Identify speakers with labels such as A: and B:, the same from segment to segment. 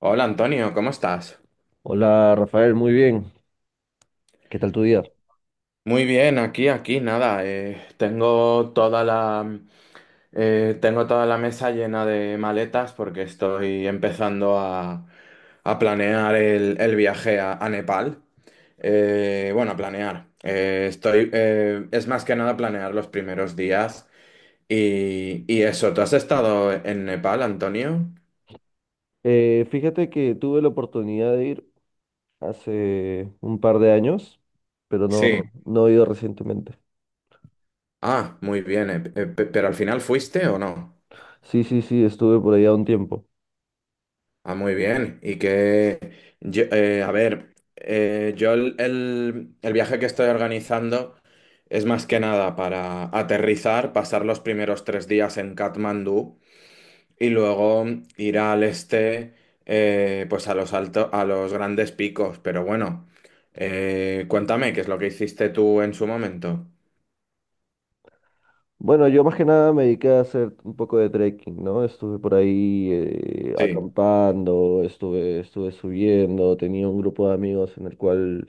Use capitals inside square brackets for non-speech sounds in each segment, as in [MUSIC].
A: Hola Antonio, ¿cómo estás?
B: Hola Rafael, muy bien. ¿Qué tal tu día?
A: Muy bien, aquí, aquí, nada. Tengo toda tengo toda la mesa llena de maletas porque estoy empezando a planear el viaje a Nepal. Bueno, a planear. Estoy, es más que nada planear los primeros días. Y eso, ¿tú has estado en Nepal, Antonio?
B: Fíjate que tuve la oportunidad de ir hace un par de años, pero
A: Sí.
B: no he ido recientemente.
A: Ah, muy bien. ¿Pero al final fuiste o no?
B: Sí, sí, sí, estuve por allá un tiempo.
A: Ah, muy bien. A ver, yo el viaje que estoy organizando es más que nada para aterrizar, pasar los primeros 3 días en Katmandú y luego ir al este, pues a los a los grandes picos. Pero bueno, cuéntame, ¿qué es lo que hiciste tú en su momento?
B: Bueno, yo más que nada me dediqué a hacer un poco de trekking, ¿no? Estuve por ahí
A: Sí,
B: acampando, estuve subiendo, tenía un grupo de amigos en el cual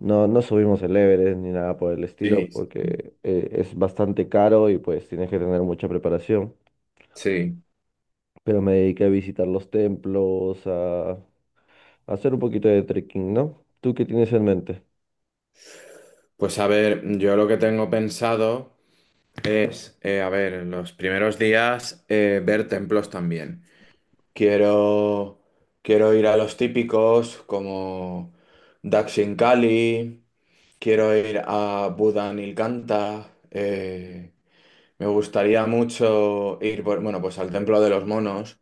B: no subimos el Everest ni nada por el estilo,
A: sí, sí.
B: porque es bastante caro y pues tienes que tener mucha preparación.
A: Sí.
B: Pero me dediqué a visitar los templos, a hacer un poquito de trekking, ¿no? ¿Tú qué tienes en mente?
A: Pues a ver, yo lo que tengo pensado. Es, a ver, en los primeros días ver templos también. Quiero, quiero ir a los típicos como Daxingkali, quiero ir a Buda Nilkanta, me gustaría mucho ir, bueno, pues al Templo de los Monos,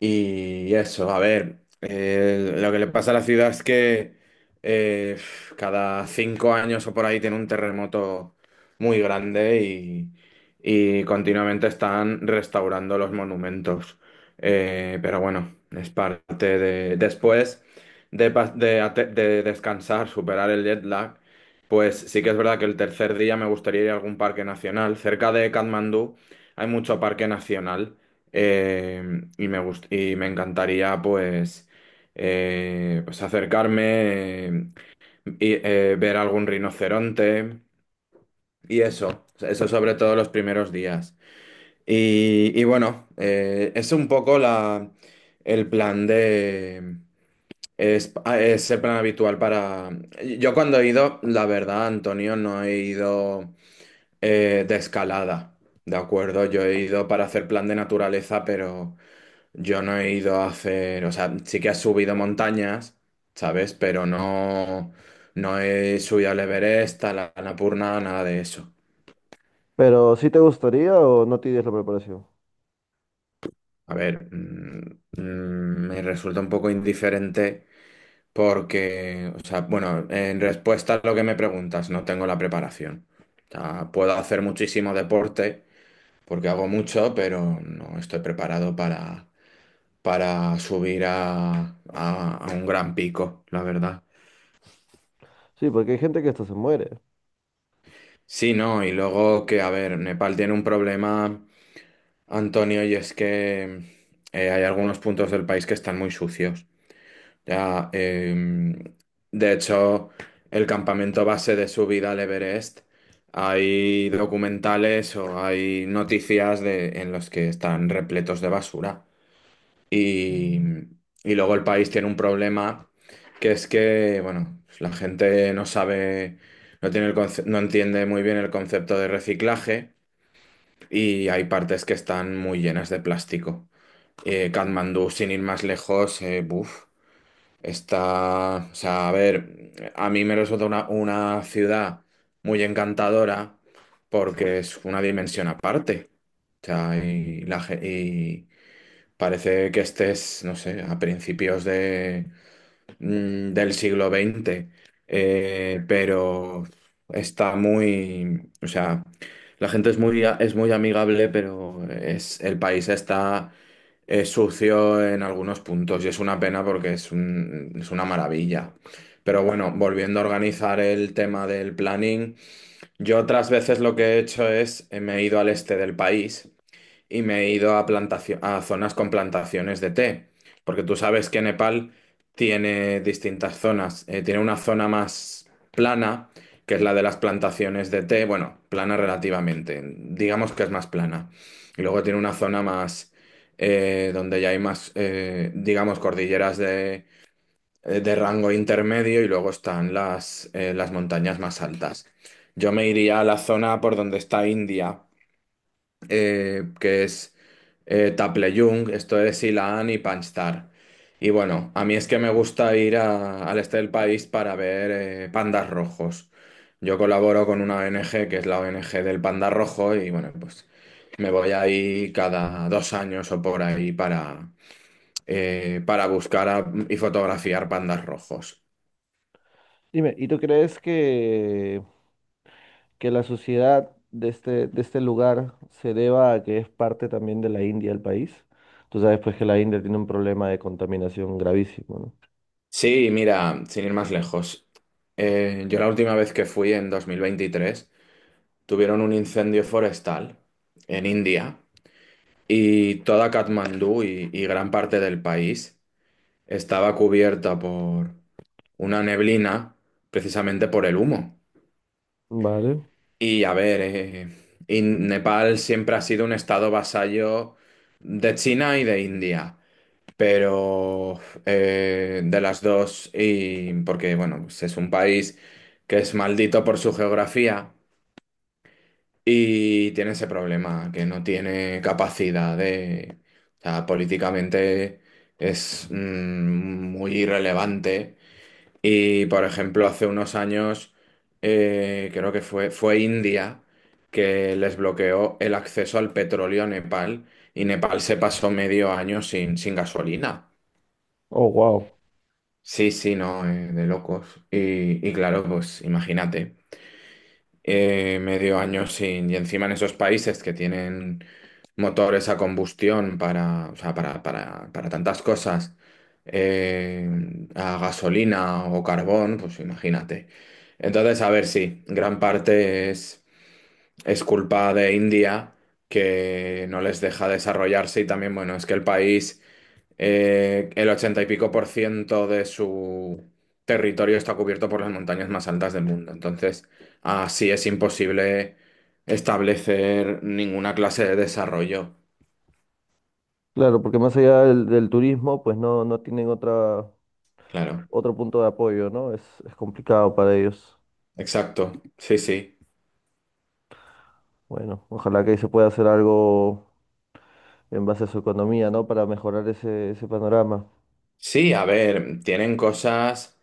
A: y eso, a ver, lo que le pasa a la ciudad es que eh, cada 5 años o por ahí tiene un terremoto muy grande y continuamente están restaurando los monumentos. Pero bueno, es parte de... Después de, pa- de ate- de descansar, superar el jet lag, pues sí que es verdad que el tercer día me gustaría ir a algún parque nacional. Cerca de Katmandú hay mucho parque nacional. Y y me encantaría pues, pues acercarme ver algún rinoceronte y eso sobre todo los primeros días. Y bueno, es un poco el plan de... Es, ah, es el plan habitual para... Yo cuando he ido, la verdad, Antonio, no he ido de escalada, ¿de acuerdo? Yo he ido para hacer plan de naturaleza, pero... Yo no he ido a hacer, o sea, sí que he subido montañas, ¿sabes? Pero no, no he subido al Everest, a la Annapurna, nada de eso.
B: Pero ¿sí te gustaría o no tienes la preparación?
A: A ver, me resulta un poco indiferente porque, o sea, bueno, en respuesta a lo que me preguntas, no tengo la preparación. O sea, puedo hacer muchísimo deporte porque hago mucho, pero no estoy preparado para subir a un gran pico, la verdad.
B: Sí, porque hay gente que hasta se muere.
A: Sí, no, y luego que, a ver, Nepal tiene un problema, Antonio, y es que hay algunos puntos del país que están muy sucios. Ya, de hecho, el campamento base de subida al Everest, hay documentales o hay noticias de, en los que están repletos de basura. Y, y luego el país tiene un problema que es que, bueno, pues la gente no sabe, no tiene el no entiende muy bien el concepto de reciclaje y hay partes que están muy llenas de plástico. Katmandú, sin ir más lejos, buf, está, o sea, a ver, a mí me resulta una ciudad muy encantadora porque es una dimensión aparte. O sea, parece que estés, no sé, a principios de, del siglo XX, pero está muy, o sea, la gente es muy, es muy amigable, pero es, el país está sucio en algunos puntos y es una pena porque es una maravilla. Pero bueno, volviendo a organizar el tema del planning, yo otras veces lo que he hecho es, me he ido al este del país y me he ido a a zonas con plantaciones de té, porque tú sabes que Nepal tiene distintas zonas. Tiene una zona más plana, que es la de las plantaciones de té, bueno, plana relativamente, digamos que es más plana. Y luego tiene una zona más donde ya hay más, digamos, cordilleras de rango intermedio y luego están las montañas más altas. Yo me iría a la zona por donde está India que es Taplejung, esto es Ilan y Panstar. Y bueno, a mí es que me gusta ir al este del país para ver pandas rojos. Yo colaboro con una ONG que es la ONG del panda rojo y bueno, pues me voy ahí cada 2 años o por ahí para y fotografiar pandas rojos.
B: Dime, ¿y tú crees que la sociedad de de este lugar se deba a que es parte también de la India el país? Tú sabes pues que la India tiene un problema de contaminación gravísimo,
A: Sí, mira, sin ir más lejos. Yo la última vez que fui en 2023 tuvieron un incendio forestal en India y toda Katmandú y gran parte del país estaba cubierta por una neblina precisamente por el humo.
B: ¿no? Vale.
A: Y a ver, y Nepal siempre ha sido un estado vasallo de China y de India. Pero de las dos, y porque bueno, pues es un país que es maldito por su geografía. Y tiene ese problema, que no tiene capacidad de... O sea, políticamente es muy irrelevante. Y, por ejemplo, hace unos años, creo que fue India que les bloqueó el acceso al petróleo a Nepal y Nepal se pasó medio año sin, sin gasolina.
B: Oh, wow.
A: Sí, sí, no, de locos. Y claro, pues imagínate. Medio año sin. Y encima en esos países que tienen motores a combustión para, o sea, para tantas cosas, eh, a gasolina o carbón, pues imagínate. Entonces, a ver, sí, gran parte es culpa de India que no les deja desarrollarse y también, bueno, es que el país el 80 y pico por ciento de su territorio está cubierto por las montañas más altas del mundo. Entonces, así es imposible establecer ninguna clase de desarrollo.
B: Claro, porque más allá del turismo, pues no tienen otra,
A: Claro,
B: otro punto de apoyo, ¿no? Es complicado para ellos.
A: exacto. Sí, sí.
B: Bueno, ojalá que ahí se pueda hacer algo en base a su economía, ¿no? Para mejorar ese panorama.
A: Sí, a ver, tienen cosas,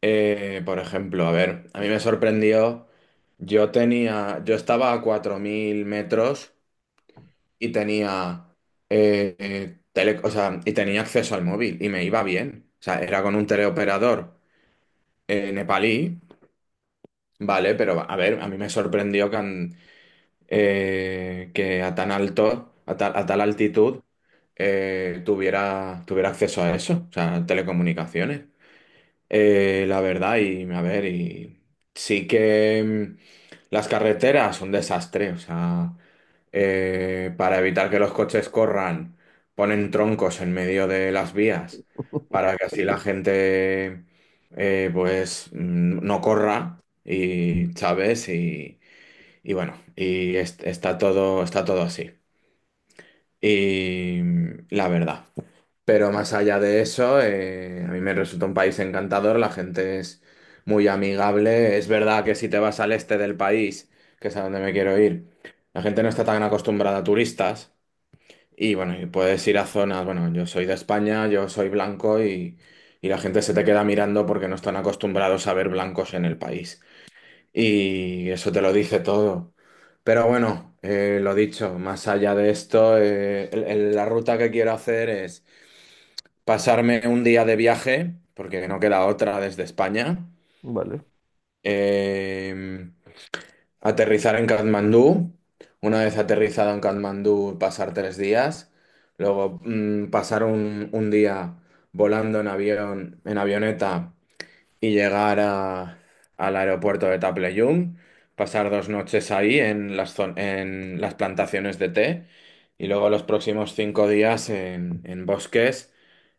A: por ejemplo, a ver, a mí me sorprendió, yo tenía, yo estaba a 4000 metros y tenía, o sea, y tenía acceso al móvil y me iba bien. O sea, era con un teleoperador nepalí, ¿vale? Pero a ver, a mí me sorprendió que a tan alto, a tal altitud, tuviera acceso a eso, o sea, telecomunicaciones. La verdad, y a ver, y sí que mm, las carreteras son un desastre, o sea, para evitar que los coches corran, ponen troncos en medio de las vías
B: [LAUGHS]
A: para que así la gente no corra y, ¿sabes? Y bueno, y está todo así. La verdad. Pero más allá de eso, a mí me resulta un país encantador, la gente es muy amigable. Es verdad que si te vas al este del país, que es a donde me quiero ir, la gente no está tan acostumbrada a turistas. Y bueno, y puedes ir a zonas, bueno, yo soy de España, yo soy blanco y la gente se te queda mirando porque no están acostumbrados a ver blancos en el país. Y eso te lo dice todo. Pero bueno, lo dicho, más allá de esto, la ruta que quiero hacer es pasarme un día de viaje, porque no queda otra desde España,
B: Vale.
A: eh, aterrizar en Katmandú, una vez aterrizado en Katmandú pasar 3 días, luego pasar un día volando en avión, en avioneta y llegar al aeropuerto de Taplejung, pasar dos noches ahí en en las plantaciones de té. Y luego los próximos 5 días en bosques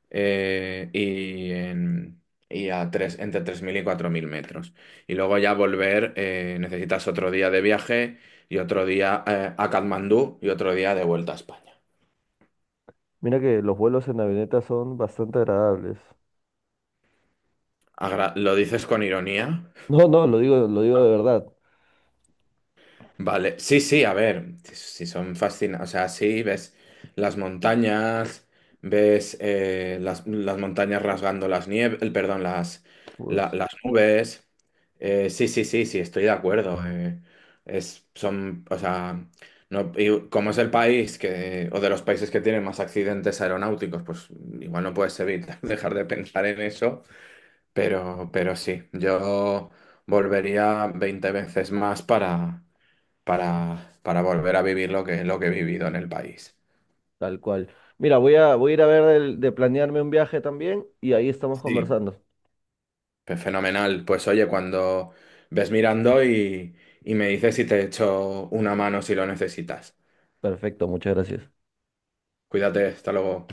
A: eh, y, en- y a tres, entre 3000 y 4000 metros. Y luego ya volver, necesitas otro día de viaje y otro día a Katmandú y otro día de vuelta a España.
B: Mira que los vuelos en avioneta son bastante agradables.
A: ¿Lo dices con ironía?
B: No, no, lo digo de verdad.
A: Vale, sí, sí, a ver, si son fascinantes, o sea, sí, ves las montañas, ves las montañas rasgando las nieves, perdón,
B: Pues
A: las nubes. Sí, sí, sí, sí, estoy de acuerdo, es, son, o sea, no, y como es el país que, o de los países que tienen más accidentes aeronáuticos, pues igual no puedes evitar [LAUGHS] dejar de pensar en eso, pero sí, yo volvería 20 veces más para volver a vivir lo que he vivido en el país.
B: tal cual. Mira, voy voy a ir a ver el- de planearme un viaje también y ahí estamos
A: Sí.
B: conversando.
A: Pues fenomenal. Pues oye, cuando ves mirando y me dices si te echo una mano si lo necesitas.
B: Perfecto, muchas gracias.
A: Cuídate, hasta luego.